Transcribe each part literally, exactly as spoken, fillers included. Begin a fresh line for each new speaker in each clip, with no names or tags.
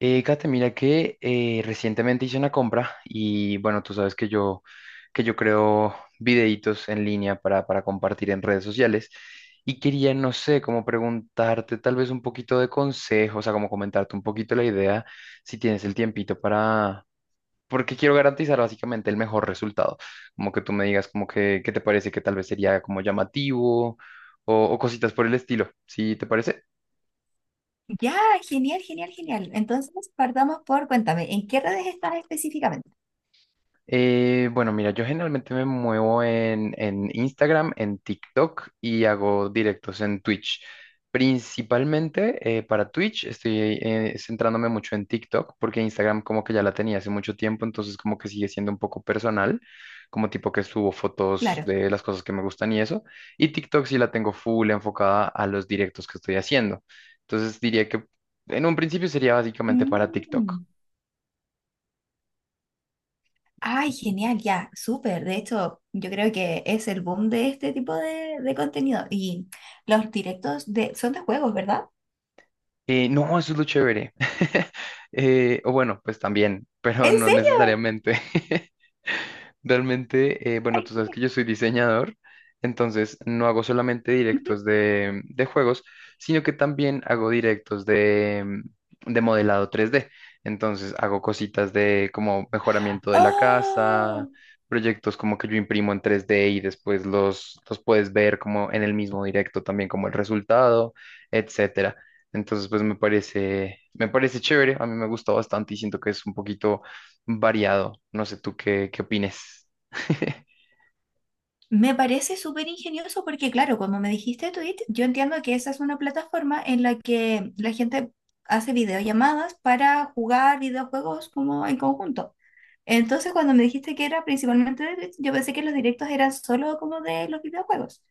Eh, Kate, mira que eh, recientemente hice una compra y bueno, tú sabes que yo, que yo creo videitos en línea para, para compartir en redes sociales y quería, no sé, como preguntarte tal vez un poquito de consejos, o sea, como comentarte un poquito la idea, si tienes el tiempito para, porque quiero garantizar básicamente el mejor resultado, como que tú me digas como que, qué te parece que tal vez sería como llamativo o, o cositas por el estilo, ¿sí te parece?
Ya, genial, genial, genial. Entonces, partamos por, cuéntame, ¿en qué redes estás específicamente?
Eh, bueno, mira, yo generalmente me muevo en, en Instagram, en TikTok y hago directos en Twitch. Principalmente eh, para Twitch estoy eh, centrándome mucho en TikTok porque Instagram como que ya la tenía hace mucho tiempo, entonces como que sigue siendo un poco personal, como tipo que subo fotos
Claro.
de las cosas que me gustan y eso. Y TikTok sí la tengo full enfocada a los directos que estoy haciendo. Entonces diría que en un principio sería básicamente para TikTok.
Mm. Ay, genial, ya, súper. De hecho, yo creo que es el boom de este tipo de, de contenido. Y los directos de, son de juegos, ¿verdad?
Eh, no, eso es lo chévere. Eh, o bueno, pues también, pero
¿En
no
serio?
necesariamente. Realmente, eh, bueno,
Ay,
tú sabes que yo soy diseñador, entonces no hago solamente
ujú.
directos de, de juegos, sino que también hago directos de, mm, de modelado tres d. Entonces hago cositas de como mejoramiento de la casa,
¡Oh!
proyectos como que yo imprimo en tres d y después los, los puedes ver como en el mismo directo también como el resultado, etcétera. Entonces, pues me parece, me parece chévere, a mí me gusta bastante y siento que es un poquito variado. No sé tú qué, qué opines.
Me parece súper ingenioso porque, claro, como me dijiste Twitch, yo entiendo que esa es una plataforma en la que la gente hace videollamadas para jugar videojuegos como en conjunto. Entonces, cuando me dijiste que era principalmente de Twitch, yo pensé que los directos eran solo como de los videojuegos.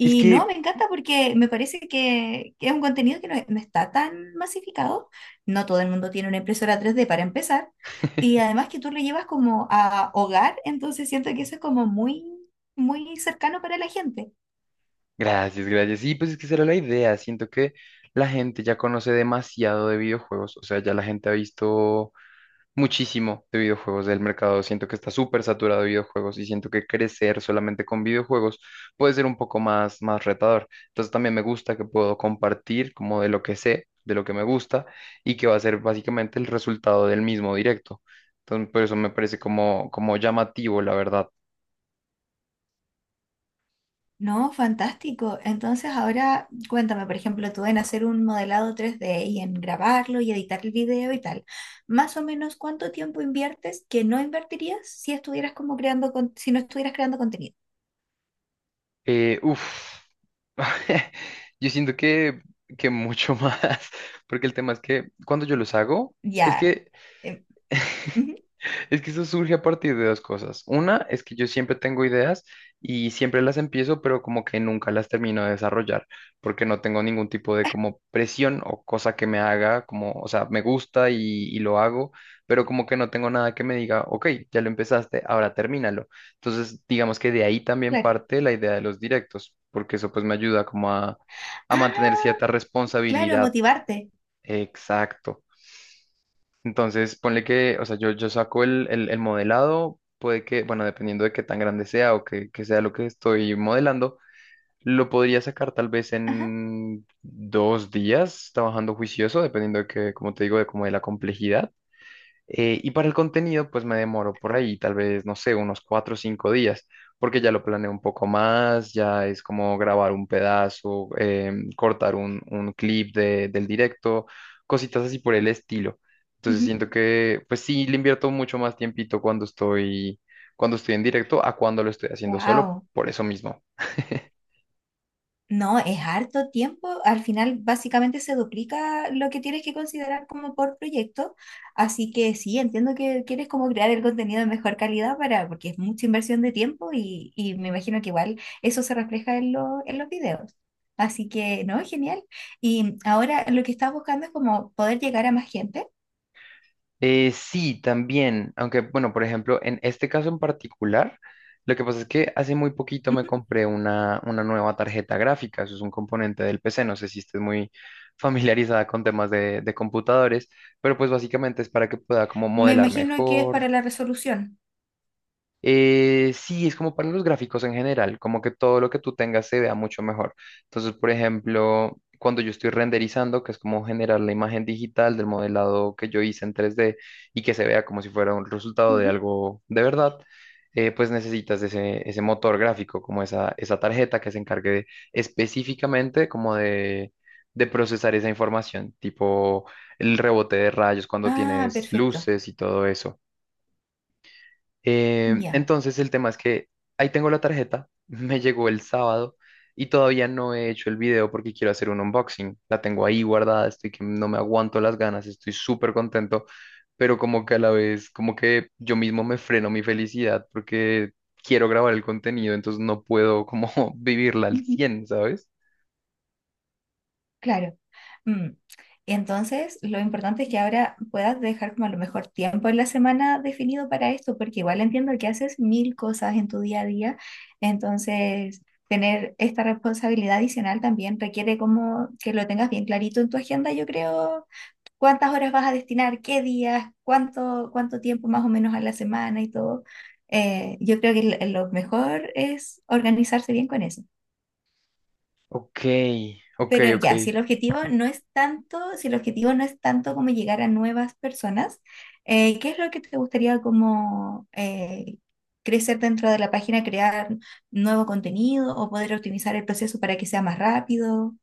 Es
no,
que,
me encanta porque me parece que, que es un contenido que no, no está tan masificado. No todo el mundo tiene una impresora tres d para empezar. Y además que tú lo llevas como a hogar, entonces siento que eso es como muy, muy cercano para la gente.
gracias, gracias. Sí, pues es que esa era la idea. Siento que la gente ya conoce demasiado de videojuegos. O sea, ya la gente ha visto muchísimo de videojuegos del mercado. Siento que está súper saturado de videojuegos y siento que crecer solamente con videojuegos puede ser un poco más, más retador. Entonces también me gusta que puedo compartir como de lo que sé, de lo que me gusta y que va a ser básicamente el resultado del mismo directo. Entonces, por eso me parece como, como llamativo, la verdad.
No, fantástico. Entonces ahora cuéntame, por ejemplo, tú en hacer un modelado tres d y en grabarlo y editar el video y tal. Más o menos, ¿cuánto tiempo inviertes que no invertirías si estuvieras como creando, con- si no estuvieras creando contenido?
Eh, uf. Yo siento que, que mucho más, porque el tema es que cuando yo los hago, es
Ya.
que
em, ujú.
es que eso surge a partir de dos cosas. Una es que yo siempre tengo ideas y siempre las empiezo, pero como que nunca las termino de desarrollar, porque no tengo ningún tipo de como presión o cosa que me haga, como, o sea, me gusta y, y lo hago, pero como que no tengo nada que me diga, ok, ya lo empezaste, ahora termínalo. Entonces, digamos que de ahí también
Claro.
parte la idea de los directos, porque eso pues me ayuda como a, a
Ah,
mantener cierta
claro,
responsabilidad.
motivarte.
Exacto. Entonces, ponle que, o sea, yo, yo saco el, el, el modelado, puede que, bueno, dependiendo de qué tan grande sea o que, que sea lo que estoy modelando, lo podría sacar tal vez
Ajá.
en dos días, trabajando juicioso, dependiendo de que, como te digo, de como de la complejidad. Eh, y para el contenido, pues me demoro por ahí, tal vez, no sé, unos cuatro o cinco días, porque ya lo planeo un poco más, ya es como grabar un pedazo, em, cortar un, un clip de- del directo, cositas así por el estilo. Entonces siento que, pues sí, le invierto mucho más tiempito cuando estoy, cuando estoy en directo a cuando lo estoy haciendo solo,
Wow.
por eso mismo.
No, es harto tiempo. Al final, básicamente se duplica lo que tienes que considerar como por proyecto. Así que sí, entiendo que quieres como crear el contenido de mejor calidad para, porque es mucha inversión de tiempo y, y me imagino que igual eso se refleja en, lo- en los videos. Así que no, genial. Y ahora lo que estás buscando es como poder llegar a más gente.
Eh, sí, también, aunque bueno, por ejemplo, en este caso en particular, lo que pasa es que hace muy poquito me
Ujú.
compré una, una nueva tarjeta gráfica, eso es un componente del P C, no sé si estés muy familiarizada con temas de, de computadores, pero pues básicamente es para que pueda como
Me
modelar
imagino que es
mejor,
para la resolución.
eh, sí, es como para los gráficos en general, como que todo lo que tú tengas se vea mucho mejor. Entonces, por ejemplo, cuando yo estoy renderizando, que es como generar la imagen digital del modelado que yo hice en tres D y que se vea como si fuera un resultado de
Ujú.
algo de verdad, eh, pues necesitas ese, ese motor gráfico, como esa, esa tarjeta que se encargue de- específicamente como de, de procesar esa información, tipo el rebote de rayos cuando
Ah,
tienes
perfecto.
luces y todo eso. Eh,
Ya.
entonces el tema es que ahí tengo la tarjeta, me llegó el sábado y todavía no he hecho el video porque quiero hacer un unboxing. La tengo ahí guardada, estoy que no me aguanto las ganas, estoy súper contento, pero como que a la vez, como que yo mismo me freno mi felicidad porque quiero grabar el contenido, entonces no puedo como vivirla al
Ujú.
cien, ¿sabes?
Claro. Mm. Entonces, lo importante es que ahora puedas dejar como a lo mejor tiempo en la semana definido para esto, porque igual entiendo que haces mil cosas en tu día a día. Entonces, tener esta responsabilidad adicional también requiere como que lo tengas bien clarito en tu agenda, yo creo, cuántas horas vas a destinar, qué días, cuánto, cuánto tiempo más o menos a la semana y todo. Eh, yo creo que lo lo mejor es organizarse bien con eso.
Ok, ok,
Pero
ok.
ya, si el objetivo no es tanto, si el objetivo no es tanto como llegar a nuevas personas, eh, ¿qué es lo que te gustaría como eh, crecer dentro de la página, crear nuevo contenido o poder optimizar el proceso para que sea más rápido?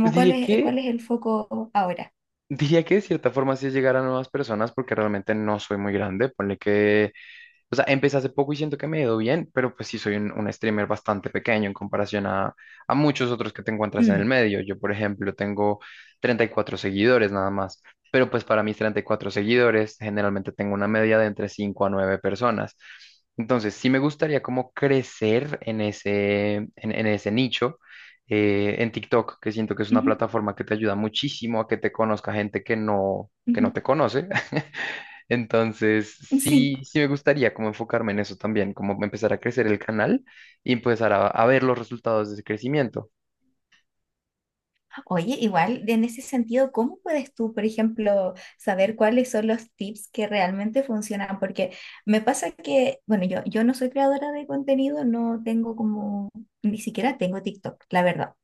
Pues
cuál
diría
es,
que,
cuál es el foco ahora?
diría que de cierta forma sí es llegar a nuevas personas porque realmente no soy muy grande. Ponle que. O sea, empecé hace poco y siento que me he ido bien, pero pues sí soy un, un streamer bastante pequeño en comparación a, a muchos otros que te encuentras en el
Mm.
medio. Yo, por ejemplo, tengo treinta y cuatro seguidores nada más, pero pues para mis treinta y cuatro seguidores generalmente tengo una media de entre cinco a nueve personas. Entonces, sí me gustaría como crecer en ese, en, en ese nicho, eh, en TikTok, que siento que es una
Ujú,
plataforma que te ayuda muchísimo a que te conozca gente que no, que no
ujú.
te conoce. Entonces,
Sí.
sí, sí me gustaría como enfocarme en eso también, como empezar a crecer el canal y empezar a, a ver los resultados de ese crecimiento.
Oye, igual en ese sentido, ¿cómo puedes tú, por ejemplo, saber cuáles son los tips que realmente funcionan? Porque me pasa que, bueno, yo, yo no soy creadora de contenido, no tengo como, ni siquiera tengo TikTok, la verdad.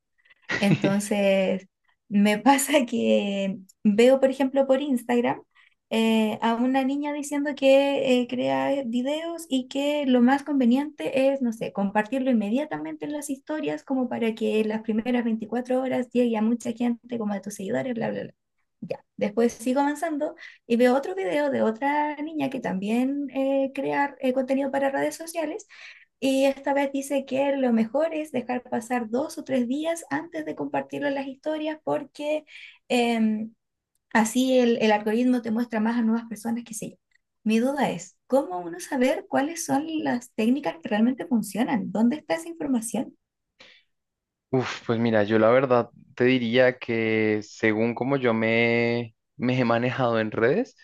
Entonces, me pasa que veo, por ejemplo, por Instagram eh, a una niña diciendo que eh, crea eh, videos y que lo más conveniente es, no sé, compartirlo inmediatamente en las historias como para que las primeras veinticuatro horas llegue a mucha gente, como a tus seguidores, bla, bla, bla. Ya, después sigo avanzando y veo otro video de otra niña que también eh, crea eh, contenido para redes sociales y esta vez dice que lo mejor es dejar pasar dos o tres días antes de compartirlo en las historias porque em, así el, el algoritmo te muestra más a nuevas personas que sí. Mi duda es, ¿cómo uno saber cuáles son las técnicas que realmente funcionan? ¿Dónde está esa información?
Uf, pues mira, yo la verdad te diría que según como yo me, me he manejado en redes,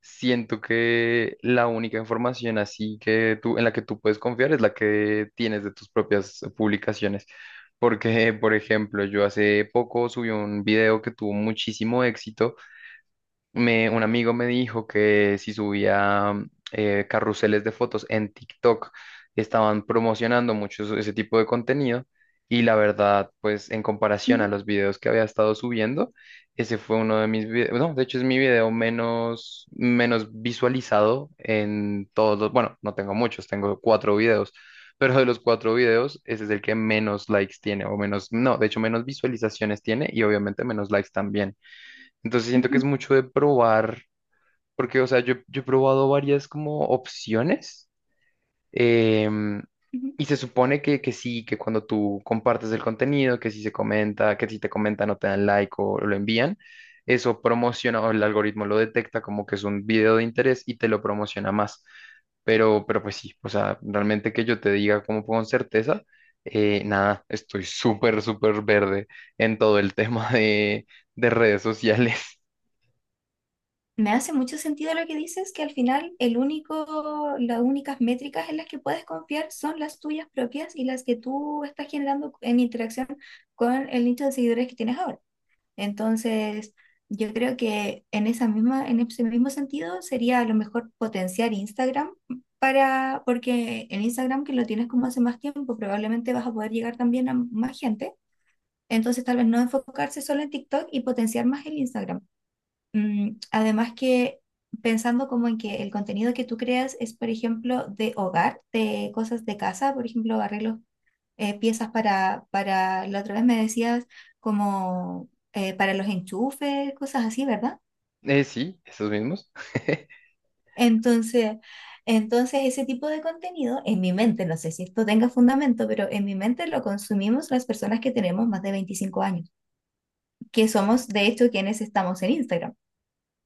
siento que la única información así que tú, en la que tú puedes confiar es la que tienes de tus propias publicaciones. Porque, por ejemplo, yo hace poco subí un video que tuvo muchísimo éxito me, un amigo me dijo que si subía mm, eh, carruseles de fotos en TikTok, estaban promocionando mucho eso- ese tipo de contenido y la verdad, pues en comparación a
Ujú,
los videos que había estado subiendo, ese fue uno de mis videos, no, de hecho es mi video menos, menos visualizado en todos los, bueno, no tengo muchos, tengo cuatro videos. Pero de los cuatro videos, ese es el que menos likes tiene, o menos, no, de hecho menos visualizaciones tiene y obviamente menos likes también. Entonces siento que es
ujú,
mucho de probar, porque, o sea, yo, yo he probado varias como opciones em,
ujú.
y se supone que, que sí, que cuando tú compartes el contenido, que si se comenta, que si te comentan o te dan like o lo envían, eso promociona o el algoritmo lo detecta como que es un video de interés y te lo promociona más. Pero, pero pues sí, o sea, realmente que yo te diga como con certeza, eh, nada, estoy súper, súper verde en todo el tema de, de redes sociales.
Me hace mucho sentido lo que dices, que al final el único, las únicas métricas en las que puedes confiar son las tuyas propias y las que tú estás generando en interacción con el nicho de seguidores que tienes ahora. Entonces, yo creo que en esa misma, en ese mismo sentido sería a lo mejor potenciar Instagram para, porque en Instagram que lo tienes como hace más tiempo, probablemente vas a poder llegar también a más gente. Entonces, tal vez no enfocarse solo en TikTok y potenciar más el Instagram. Mm, además que pensando como en que el contenido que tú creas es, por ejemplo, de hogar, de cosas de casa, por ejemplo, arreglos eh, piezas para, para, la otra vez me decías como eh, para los enchufes, cosas así, ¿verdad?
Eh, sí, esos mismos.
Entonces, entonces ese tipo de contenido en mi mente, no sé si esto tenga fundamento, pero en mi mente lo consumimos las personas que tenemos más de veinticinco años, que somos de hecho quienes estamos en Instagram.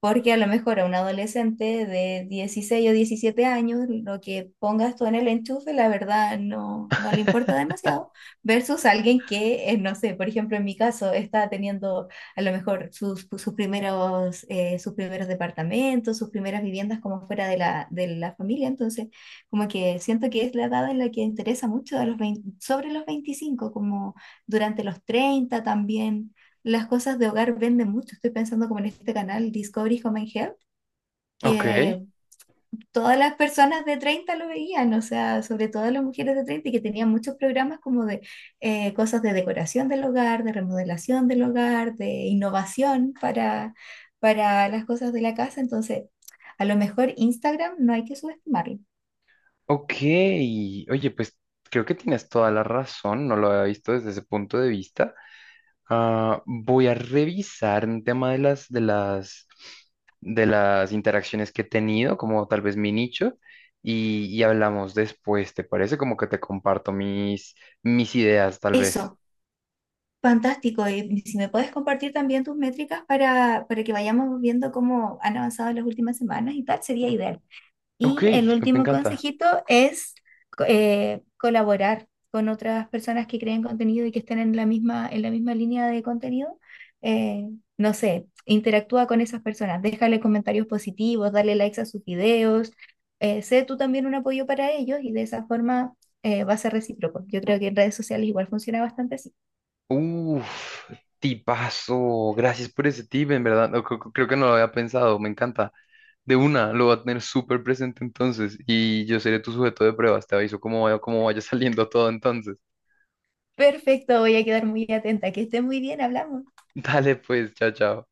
Porque a lo mejor a un adolescente de dieciséis o diecisiete años, lo que pongas tú en el enchufe, la verdad no, no le importa demasiado, versus alguien que, eh, no sé, por ejemplo, en mi caso, está teniendo a lo mejor sus, sus primeros, eh, sus primeros departamentos, sus primeras viviendas como fuera de la, de la familia. Entonces, como que siento que es la edad en la que interesa mucho a los veinte sobre los veinticinco como durante los treinta también las cosas de hogar venden mucho. Estoy pensando como en este canal Discovery Home and Health,
Ok,
que todas las personas de treinta lo veían, o sea, sobre todo las mujeres de treinta y que tenían muchos programas como de eh, cosas de decoración del hogar, de remodelación del hogar, de innovación para, para las cosas de la casa. Entonces, a lo mejor Instagram no hay que subestimarlo.
ok. Oye, pues creo que tienes toda la razón, no lo había visto desde ese punto de vista. Ah, voy a revisar un tema de las, de las, de las interacciones que he tenido, como tal vez mi nicho, y, y hablamos después, ¿te parece? Como que te comparto mis, mis ideas, tal vez.
Eso. Fantástico, y si me puedes compartir también tus métricas para, para que vayamos viendo cómo han avanzado en las últimas semanas y tal, sería ideal.
Ok,
Y el
me
último
encanta.
consejito es co- eh, colaborar con otras personas que creen contenido y que estén en la misma, en la misma línea de contenido. Eh, no sé, interactúa con esas personas, déjale comentarios positivos, dale likes a sus videos, eh, sé tú también un apoyo para ellos y de esa forma eh, va a ser recíproco. Yo creo que en redes sociales igual funciona bastante así.
Uf, tipazo. Gracias por ese tip, en verdad. No, creo, creo que no lo había pensado. Me encanta. De una, lo voy a tener súper presente entonces. Y yo seré tu sujeto de pruebas. Te aviso cómo vaya, cómo vaya saliendo todo entonces.
Perfecto, voy a quedar muy atenta. Que esté muy bien, hablamos.
Dale, pues, chao, chao.